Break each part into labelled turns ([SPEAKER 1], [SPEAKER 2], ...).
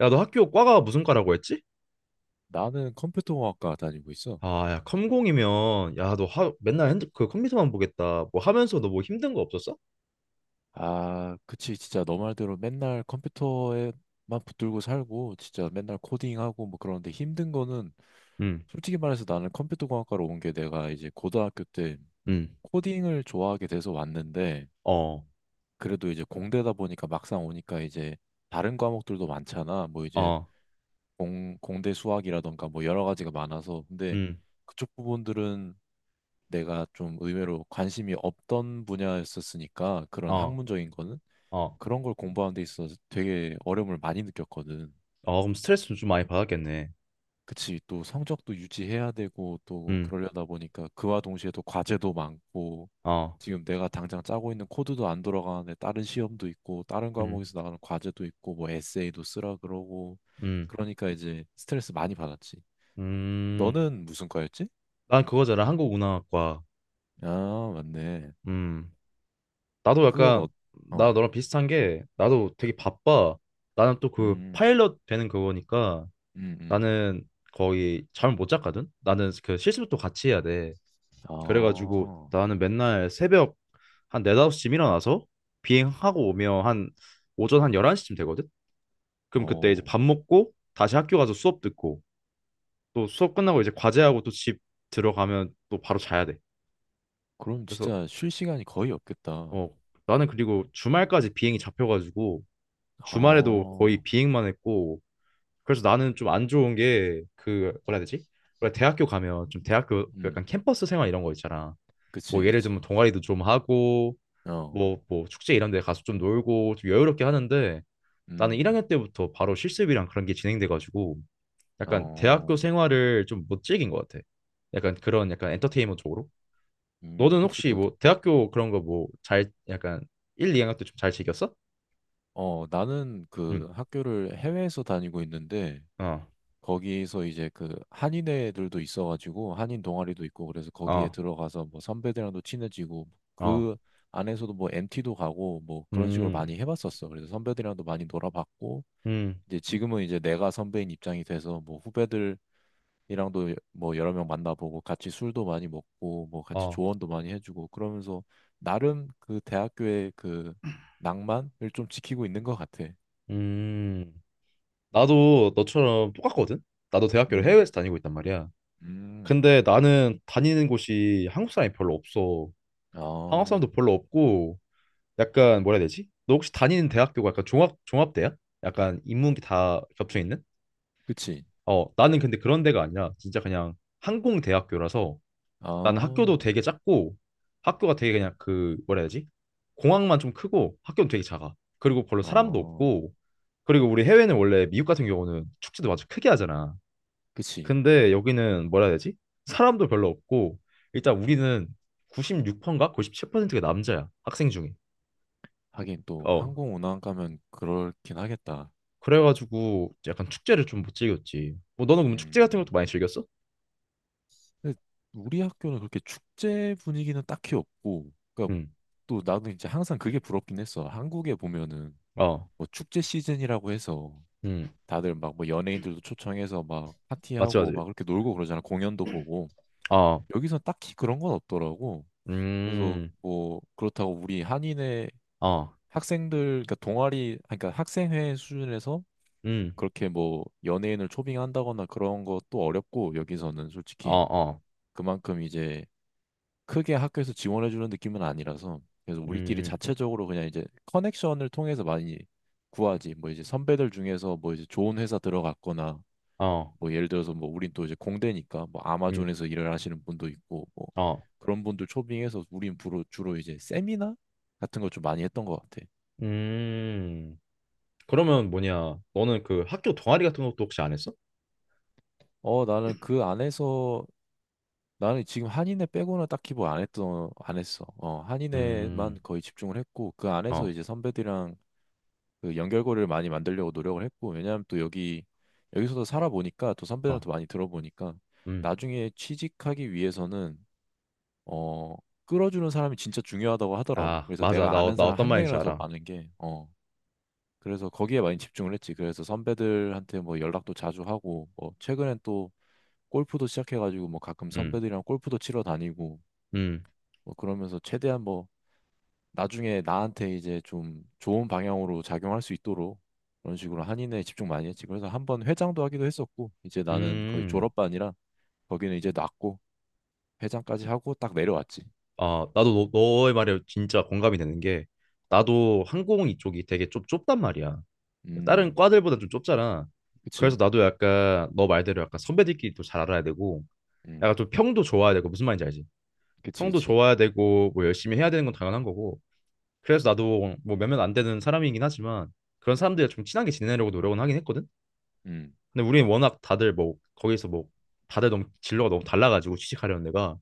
[SPEAKER 1] 야, 너 학교 과가 무슨 과라고 했지?
[SPEAKER 2] 나는 컴퓨터공학과 다니고 있어.
[SPEAKER 1] 아, 야, 컴공이면 야, 너 맨날 그 컴퓨터만 보겠다. 뭐 하면서 너 뭐 힘든 거 없었어?
[SPEAKER 2] 아, 그치. 진짜 너 말대로 맨날 컴퓨터에만 붙들고 살고, 진짜 맨날 코딩하고 뭐 그런데 힘든 거는
[SPEAKER 1] 응,
[SPEAKER 2] 솔직히 말해서 나는 컴퓨터공학과로 온 게 내가 이제 고등학교 때
[SPEAKER 1] 응,
[SPEAKER 2] 코딩을 좋아하게 돼서 왔는데,
[SPEAKER 1] 어,
[SPEAKER 2] 그래도 이제 공대다 보니까 막상 오니까 이제 다른 과목들도 많잖아. 뭐 이제
[SPEAKER 1] 어,
[SPEAKER 2] 공대 수학이라던가 뭐 여러 가지가 많아서. 근데
[SPEAKER 1] 응,
[SPEAKER 2] 그쪽 부분들은 내가 좀 의외로 관심이 없던 분야였었으니까 그런
[SPEAKER 1] 어,
[SPEAKER 2] 학문적인 거는
[SPEAKER 1] 어,
[SPEAKER 2] 그런 걸 공부하는 데 있어서 되게 어려움을 많이 느꼈거든.
[SPEAKER 1] 어, 그럼 스트레스 좀 많이 받았겠네.
[SPEAKER 2] 그치, 또 성적도 유지해야 되고 또
[SPEAKER 1] 응,
[SPEAKER 2] 그러려다 보니까 그와 동시에 또 과제도 많고
[SPEAKER 1] 어,
[SPEAKER 2] 지금 내가 당장 짜고 있는 코드도 안 돌아가는데 다른 시험도 있고 다른
[SPEAKER 1] 응,
[SPEAKER 2] 과목에서 나가는 과제도 있고 뭐 에세이도 쓰라 그러고
[SPEAKER 1] 응,
[SPEAKER 2] 그러니까 이제 스트레스 많이 받았지.
[SPEAKER 1] 음,
[SPEAKER 2] 너는 무슨 과였지?
[SPEAKER 1] 난 그거잖아, 한국운항학과.
[SPEAKER 2] 아, 맞네.
[SPEAKER 1] 음, 나도
[SPEAKER 2] 그건
[SPEAKER 1] 약간
[SPEAKER 2] 어,
[SPEAKER 1] 나
[SPEAKER 2] 어,
[SPEAKER 1] 너랑 비슷한 게 나도 되게 바빠. 나는 또 그
[SPEAKER 2] 음,
[SPEAKER 1] 파일럿 되는 그거니까
[SPEAKER 2] 음, 음.
[SPEAKER 1] 나는 거의 잠을 못 잤거든. 나는 그 실습도 같이 해야 돼.
[SPEAKER 2] 아,
[SPEAKER 1] 그래가지고 나는 맨날 새벽 한 4, 5시쯤 일어나서 비행하고 오면 한 오전 한 11시쯤 되거든? 그럼 그때 이제
[SPEAKER 2] 어,
[SPEAKER 1] 밥 먹고 다시 학교 가서 수업 듣고 또 수업 끝나고 이제 과제하고 또 집 들어가면 또 바로 자야 돼.
[SPEAKER 2] 그럼
[SPEAKER 1] 그래서
[SPEAKER 2] 진짜 쉴 시간이 거의 없겠다.
[SPEAKER 1] 어 나는 그리고 주말까지 비행이 잡혀가지고 주말에도 거의
[SPEAKER 2] 아,
[SPEAKER 1] 비행만 했고 그래서 나는 좀 안 좋은 게 그 뭐라 해야 되지? 원래 대학교 가면 좀 대학교
[SPEAKER 2] 음,
[SPEAKER 1] 약간 캠퍼스 생활 이런 거 있잖아. 뭐
[SPEAKER 2] 그치,
[SPEAKER 1] 예를
[SPEAKER 2] 그치.
[SPEAKER 1] 들면 동아리도 좀 하고
[SPEAKER 2] 어,
[SPEAKER 1] 뭐 축제 이런 데 가서 좀 놀고 좀 여유롭게 하는데 나는
[SPEAKER 2] 음,
[SPEAKER 1] 1학년 때부터 바로 실습이랑 그런 게 진행돼가지고 약간 대학교
[SPEAKER 2] 어,
[SPEAKER 1] 생활을 좀 못 즐긴 것 같아. 약간 그런 약간 엔터테인먼트 쪽으로. 너는
[SPEAKER 2] 그치.
[SPEAKER 1] 혹시
[SPEAKER 2] 또,
[SPEAKER 1] 뭐 대학교 그런 거 뭐 잘 약간 1, 2학년 때 좀 잘 즐겼어?
[SPEAKER 2] 어, 나는
[SPEAKER 1] 응.
[SPEAKER 2] 그 학교를 해외에서 다니고 있는데,
[SPEAKER 1] 어.
[SPEAKER 2] 거기서 이제 그 한인애들도 있어가지고, 한인 동아리도 있고, 그래서 거기에
[SPEAKER 1] 어.
[SPEAKER 2] 들어가서 뭐 선배들이랑도 친해지고,
[SPEAKER 1] 어.
[SPEAKER 2] 그 안에서도 뭐엠 t 도 가고, 뭐 그런 식으로
[SPEAKER 1] 음.
[SPEAKER 2] 많이 해봤었어. 그래서 선배들이랑도 많이 놀아봤고,
[SPEAKER 1] 음.
[SPEAKER 2] 이제 지금은 이제 내가 선배인 입장이 돼서 뭐 후배들이랑도 뭐 여러 명 만나보고 같이 술도 많이 먹고 뭐 같이
[SPEAKER 1] 어.
[SPEAKER 2] 조언도 많이 해주고 그러면서 나름 그 대학교의 그 낭만을 좀 지키고 있는 것 같아.
[SPEAKER 1] 음. 나도 너처럼 똑같거든. 나도 대학교를
[SPEAKER 2] 음,
[SPEAKER 1] 해외에서 다니고 있단 말이야.
[SPEAKER 2] 음,
[SPEAKER 1] 근데 나는 다니는 곳이 한국 사람이 별로 없어. 한국
[SPEAKER 2] 아,
[SPEAKER 1] 사람도 별로 없고 약간 뭐라 해야 되지? 너 혹시 다니는 대학교가 약간 종합대야? 약간 인문비 다 겹쳐 있는?
[SPEAKER 2] 그치.
[SPEAKER 1] 어, 나는 근데 그런 데가 아니라 진짜 그냥 항공 대학교라서 나는
[SPEAKER 2] 아,
[SPEAKER 1] 학교도 되게 작고 학교가 되게 그냥 그 뭐라 해야 되지? 공항만 좀 크고 학교는 되게 작아. 그리고 별로 사람도
[SPEAKER 2] 어,
[SPEAKER 1] 없고 그리고 우리 해외는 원래 미국 같은 경우는 축제도 아주 크게 하잖아.
[SPEAKER 2] 그치.
[SPEAKER 1] 근데 여기는 뭐라 해야 되지? 사람도 별로 없고 일단 우리는 96%인가 97%가 남자야 학생 중에.
[SPEAKER 2] 하긴 또
[SPEAKER 1] 어
[SPEAKER 2] 항공 운항 가면 그렇긴 하겠다.
[SPEAKER 1] 그래가지고 약간 축제를 좀 못 즐겼지. 뭐 너는 그럼 축제 같은 것도
[SPEAKER 2] 음.
[SPEAKER 1] 많이 즐겼어?
[SPEAKER 2] 근데 우리 학교는 그렇게 축제 분위기는 딱히 없고, 그러니까
[SPEAKER 1] 응.
[SPEAKER 2] 또 나는 이제 항상 그게 부럽긴 했어. 한국에 보면은
[SPEAKER 1] 어.
[SPEAKER 2] 뭐 축제 시즌이라고 해서
[SPEAKER 1] 응.
[SPEAKER 2] 다들 막 뭐 연예인들도 초청해서 막
[SPEAKER 1] 맞지,
[SPEAKER 2] 파티하고
[SPEAKER 1] 맞지.
[SPEAKER 2] 막 그렇게 놀고 그러잖아. 공연도 보고.
[SPEAKER 1] 어.
[SPEAKER 2] 여기서 딱히 그런 건 없더라고. 그래서
[SPEAKER 1] 음.
[SPEAKER 2] 뭐 그렇다고 우리 한인의
[SPEAKER 1] 어.
[SPEAKER 2] 학생들, 그러니까 동아리, 그러니까 학생회 수준에서
[SPEAKER 1] 음.
[SPEAKER 2] 그렇게 뭐 연예인을 초빙한다거나 그런 것도 어렵고 여기서는
[SPEAKER 1] 어,
[SPEAKER 2] 솔직히
[SPEAKER 1] 어.
[SPEAKER 2] 그만큼 이제 크게 학교에서 지원해 주는 느낌은 아니라서 그래서 우리끼리
[SPEAKER 1] 음.
[SPEAKER 2] 자체적으로 그냥 이제 커넥션을 통해서 많이 구하지 뭐 이제 선배들 중에서 뭐 이제 좋은 회사 들어갔거나
[SPEAKER 1] 어.
[SPEAKER 2] 뭐 예를 들어서 뭐 우린 또 이제 공대니까 뭐
[SPEAKER 1] 음.
[SPEAKER 2] 아마존에서 일을 하시는 분도 있고 뭐
[SPEAKER 1] 어.
[SPEAKER 2] 그런 분들 초빙해서 우린 주로 이제 세미나 같은 걸 좀 많이 했던 것 같아.
[SPEAKER 1] 음. 그러면 뭐냐? 너는 그 학교 동아리 같은 것도 혹시 안 했어?
[SPEAKER 2] 어 나는 그 안에서 나는 지금 한인회 빼고는 딱히 뭐 안 했어. 어 한인회만
[SPEAKER 1] 음.
[SPEAKER 2] 거의 집중을 했고 그 안에서
[SPEAKER 1] 어.
[SPEAKER 2] 이제 선배들이랑 그 연결고리를 많이 만들려고 노력을 했고 왜냐하면 또 여기서도 살아보니까 또
[SPEAKER 1] 어.
[SPEAKER 2] 선배들한테 많이 들어보니까
[SPEAKER 1] 음.
[SPEAKER 2] 나중에 취직하기 위해서는 어 끌어주는 사람이 진짜 중요하다고 하더라고
[SPEAKER 1] 아,
[SPEAKER 2] 그래서
[SPEAKER 1] 맞아.
[SPEAKER 2] 내가 아는
[SPEAKER 1] 나
[SPEAKER 2] 사람
[SPEAKER 1] 어떤
[SPEAKER 2] 한
[SPEAKER 1] 말인지
[SPEAKER 2] 명이라도 더
[SPEAKER 1] 알아.
[SPEAKER 2] 많은 게 그래서 거기에 많이 집중을 했지 그래서 선배들한테 뭐 연락도 자주 하고 뭐 최근엔 또 골프도 시작해가지고 뭐 가끔
[SPEAKER 1] 음.
[SPEAKER 2] 선배들이랑 골프도 치러 다니고
[SPEAKER 1] 음.
[SPEAKER 2] 뭐 그러면서 최대한 뭐 나중에 나한테 이제 좀 좋은 방향으로 작용할 수 있도록 그런 식으로 한인회에 집중 많이 했지. 그래서 한번 회장도 하기도 했었고, 이제 나는 거의
[SPEAKER 1] 음.
[SPEAKER 2] 졸업반이라 거기는 이제 놨고 회장까지 하고 딱 내려왔지.
[SPEAKER 1] 아, 나도 너의 말에 진짜 공감이 되는 게 나도 항공 이쪽이 되게 좀 좁단 말이야. 다른
[SPEAKER 2] 음,
[SPEAKER 1] 과들보다 좀 좁잖아. 그래서
[SPEAKER 2] 그치.
[SPEAKER 1] 나도 약간 너 말대로 약간 선배들끼리 또 잘 알아야 되고
[SPEAKER 2] 음,
[SPEAKER 1] 약간 좀 평도 좋아야 되고 무슨 말인지 알지?
[SPEAKER 2] 그치,
[SPEAKER 1] 평도
[SPEAKER 2] 그치.
[SPEAKER 1] 좋아야 되고 뭐 열심히 해야 되는 건 당연한 거고 그래서 나도 뭐 몇몇 안 되는 사람이긴 하지만 그런 사람들이랑 좀 친하게 지내려고 노력은 하긴 했거든.
[SPEAKER 2] 음,
[SPEAKER 1] 근데 우리는 워낙 다들 뭐 거기서 뭐 다들 너무 진로가 너무 달라가지고 취직하려는 데가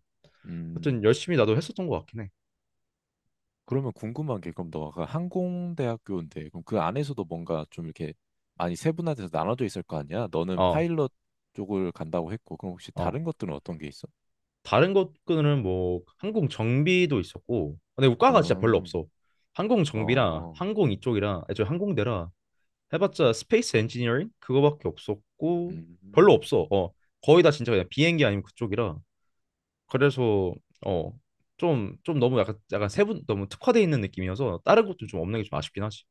[SPEAKER 1] 하여튼
[SPEAKER 2] 음.
[SPEAKER 1] 열심히 나도 했었던 것 같긴 해.
[SPEAKER 2] 그러면 궁금한 게 그럼 너가 그 항공대학교인데 그럼 그 안에서도 뭔가 좀 이렇게 많이 세분화돼서 나눠져 있을 거 아니야? 너는
[SPEAKER 1] 어,
[SPEAKER 2] 파일럿 쪽을 간다고 했고, 그럼 혹시
[SPEAKER 1] 어.
[SPEAKER 2] 다른 것들은 어떤 게 있어?
[SPEAKER 1] 다른 것들은 뭐 항공 정비도 있었고 근데 우과가 진짜 별로
[SPEAKER 2] 어,
[SPEAKER 1] 없어. 항공 정비랑
[SPEAKER 2] 어,
[SPEAKER 1] 항공 이쪽이랑 저 항공대라 해봤자 스페이스 엔지니어링 그거밖에 없었고 별로
[SPEAKER 2] 음.
[SPEAKER 1] 없어. 거의 다 진짜 그냥 비행기 아니면 그쪽이라 그래서 어 좀 너무 약간 세분 너무 특화돼 있는 느낌이어서 다른 것도 좀 없는 게 좀 아쉽긴 하지.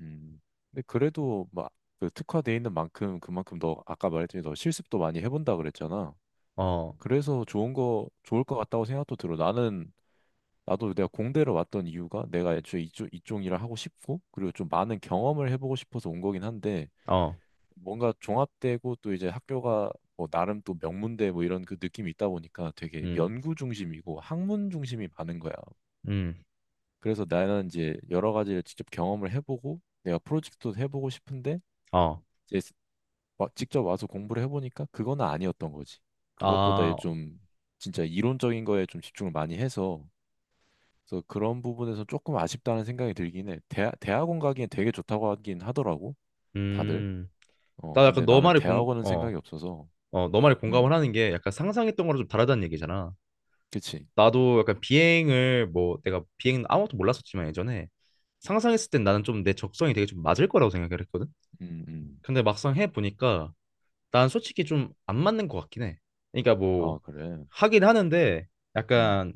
[SPEAKER 2] 음. 근데 그래도 막그 특화돼 있는 만큼 그만큼 너 아까 말했더니 너 실습도 많이 해본다 그랬잖아. 그래서 좋은 거 좋을 것 같다고 생각도 들어. 나는 나도 내가 공대를 왔던 이유가 내가 애초에 이쪽 일을 하고 싶고 그리고 좀 많은 경험을 해보고 싶어서 온 거긴 한데 뭔가 종합되고 또 이제 학교가 뭐 나름 또 명문대 뭐 이런 그 느낌이 있다 보니까 되게
[SPEAKER 1] 어어음음어아음 나
[SPEAKER 2] 연구 중심이고 학문 중심이 많은 거야. 그래서 나는 이제 여러 가지를 직접 경험을 해보고 내가 프로젝트도 해보고 싶은데 직접 와서 공부를 해보니까 그거는 아니었던 거지. 그것보다 얘좀 진짜 이론적인 거에 좀 집중을 많이 해서 그래서 그런 부분에서 조금 아쉽다는 생각이 들긴 해. 대학원 가기엔 되게 좋다고 하긴 하더라고. 다들. 어, 근데
[SPEAKER 1] 약간 너
[SPEAKER 2] 나는
[SPEAKER 1] 말이
[SPEAKER 2] 대학원은
[SPEAKER 1] 공어
[SPEAKER 2] 생각이 없어서.
[SPEAKER 1] 어, 너 말에
[SPEAKER 2] 음,
[SPEAKER 1] 공감을 하는 게 약간 상상했던 거랑 좀 다르다는 얘기잖아.
[SPEAKER 2] 그치.
[SPEAKER 1] 나도 약간 비행을 뭐 내가 비행 아무것도 몰랐었지만 예전에 상상했을 땐 나는 좀 내 적성이 되게 좀 맞을 거라고 생각을 했거든.
[SPEAKER 2] 음, 음.
[SPEAKER 1] 근데 막상 해 보니까 난 솔직히 좀 안 맞는 것 같긴 해. 그러니까
[SPEAKER 2] 아,
[SPEAKER 1] 뭐
[SPEAKER 2] 그래.
[SPEAKER 1] 하긴 하는데
[SPEAKER 2] 음,
[SPEAKER 1] 약간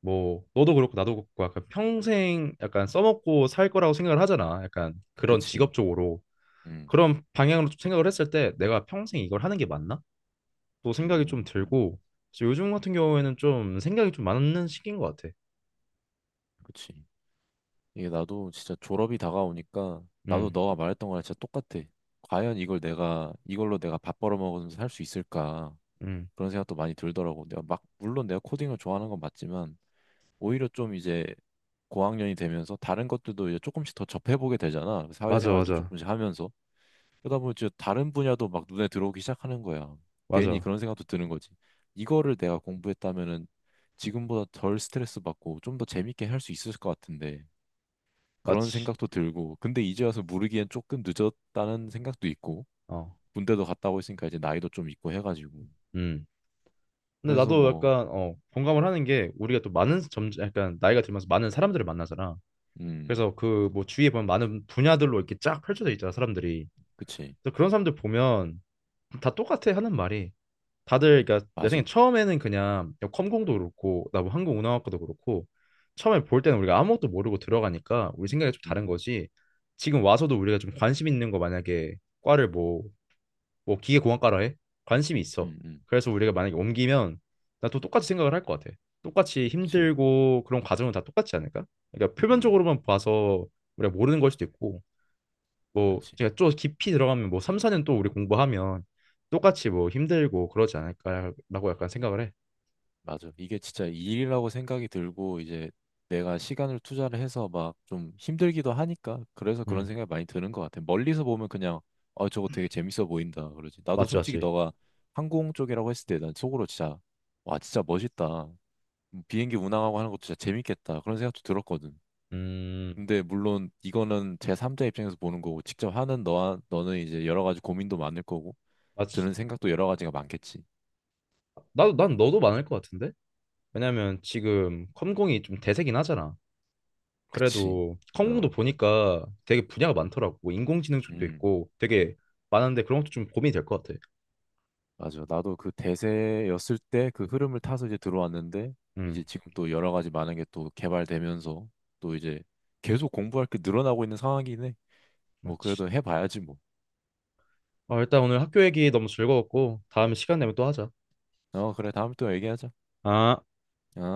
[SPEAKER 1] 뭐 너도 그렇고 나도 그렇고 약간 평생 약간 써먹고 살 거라고 생각을 하잖아. 약간 그런
[SPEAKER 2] 그치.
[SPEAKER 1] 직업적으로
[SPEAKER 2] 음,
[SPEAKER 1] 그런 방향으로 좀 생각을 했을 때 내가 평생 이걸 하는 게 맞나? 또 생각이 좀
[SPEAKER 2] 음, 음.
[SPEAKER 1] 들고 그래서 요즘 같은 경우에는 좀 생각이 좀 많은 시기인 것 같아.
[SPEAKER 2] 그치. 이게 나도 진짜 졸업이 다가오니까 나도
[SPEAKER 1] 음,
[SPEAKER 2] 너가 말했던 거랑 진짜 똑같아. 과연 이걸 내가 이걸로 내가 밥 벌어 먹으면서 살 수 있을까?
[SPEAKER 1] 음,
[SPEAKER 2] 그런 생각도 많이 들더라고. 내가 막 물론 내가 코딩을 좋아하는 건 맞지만 오히려 좀 이제 고학년이 되면서 다른 것들도 이제 조금씩 더 접해보게 되잖아.
[SPEAKER 1] 맞아,
[SPEAKER 2] 사회생활도
[SPEAKER 1] 맞아,
[SPEAKER 2] 조금씩 하면서 그러다 보면 이제 다른 분야도 막 눈에 들어오기 시작하는 거야. 괜히
[SPEAKER 1] 맞아,
[SPEAKER 2] 그런 생각도 드는 거지. 이거를 내가 공부했다면은 지금보다 덜 스트레스 받고 좀 더 재밌게 할 수 있을 것 같은데. 그런
[SPEAKER 1] 맞지.
[SPEAKER 2] 생각도 들고 근데 이제 와서 모르기엔 조금 늦었다는 생각도 있고
[SPEAKER 1] 어,
[SPEAKER 2] 군대도 갔다 오고 있으니까 이제 나이도 좀 있고 해가지고
[SPEAKER 1] 음. 근데
[SPEAKER 2] 그래서
[SPEAKER 1] 나도
[SPEAKER 2] 뭐
[SPEAKER 1] 약간 공감을 하는 게 우리가 또 많은 점 약간 나이가 들면서 많은 사람들을 만나잖아.
[SPEAKER 2] 음
[SPEAKER 1] 그래서 그 뭐 주위에 보면 많은 분야들로 이렇게 쫙 펼쳐져 있잖아 사람들이.
[SPEAKER 2] 그치
[SPEAKER 1] 그래서 그런 사람들 보면 다 똑같아 하는 말이, 다들 그러니까 내
[SPEAKER 2] 맞아
[SPEAKER 1] 생각엔 처음에는 그냥 컴공도 그렇고 나뭐 항공운항학과도 그렇고 처음에 볼 때는 우리가 아무것도 모르고 들어가니까 우리 생각이 좀 다른 거지. 지금 와서도 우리가 좀 관심 있는 거 만약에 과를 뭐 기계공학과라 해. 관심이 있어.
[SPEAKER 2] 음음음
[SPEAKER 1] 그래서 우리가 만약에 옮기면 나 또 똑같이 생각을 할 것 같아. 똑같이
[SPEAKER 2] 그치
[SPEAKER 1] 힘들고 그런 과정은 다 똑같지 않을까. 그러니까
[SPEAKER 2] 음
[SPEAKER 1] 표면적으로만 봐서 우리가 모르는 걸 수도 있고 뭐
[SPEAKER 2] 그치
[SPEAKER 1] 그러니까 좀 깊이 들어가면 뭐 3, 4년 또 우리 공부하면 똑같이 뭐 힘들고 그러지 않을까라고 약간 생각을 해.
[SPEAKER 2] 맞아 이게 진짜 일이라고 생각이 들고 이제 내가 시간을 투자를 해서 막 좀 힘들기도 하니까 그래서 그런
[SPEAKER 1] 음,
[SPEAKER 2] 생각이 많이 드는 것 같아 멀리서 보면 그냥 어 저거 되게 재밌어 보인다 그러지 나도
[SPEAKER 1] 맞지,
[SPEAKER 2] 솔직히
[SPEAKER 1] 맞지.
[SPEAKER 2] 너가 항공 쪽이라고 했을 때 난 속으로 진짜 와 진짜 멋있다 비행기 운항하고 하는 것도 진짜 재밌겠다. 그런 생각도 들었거든.
[SPEAKER 1] 음,
[SPEAKER 2] 근데 물론 이거는 제3자 입장에서 보는 거고 직접 하는 너와 너는 이제 여러 가지 고민도 많을 거고
[SPEAKER 1] 맞지.
[SPEAKER 2] 드는 생각도 여러 가지가 많겠지.
[SPEAKER 1] 나도 난 너도 많을 것 같은데? 왜냐면 지금 컴공이 좀 대세긴 하잖아.
[SPEAKER 2] 그치.
[SPEAKER 1] 그래도 컴공도
[SPEAKER 2] 어.
[SPEAKER 1] 보니까 되게 분야가 많더라고. 뭐 인공지능 쪽도
[SPEAKER 2] 음.
[SPEAKER 1] 있고 되게 많은데 그런 것도 좀 고민이 될 것 같아.
[SPEAKER 2] 맞아. 나도 그 대세였을 때 그 흐름을 타서 이제 들어왔는데
[SPEAKER 1] 음,
[SPEAKER 2] 이제 지금 또 여러 가지 많은 게 또 개발되면서 또 이제 계속 공부할 게 늘어나고 있는 상황이긴 해. 뭐
[SPEAKER 1] 맞지.
[SPEAKER 2] 그래도 해봐야지 뭐.
[SPEAKER 1] 어, 일단 오늘 학교 얘기 너무 즐거웠고 다음에 시간 되면 또 하자.
[SPEAKER 2] 어, 그래. 다음에 또 얘기하자.
[SPEAKER 1] 아.
[SPEAKER 2] 어.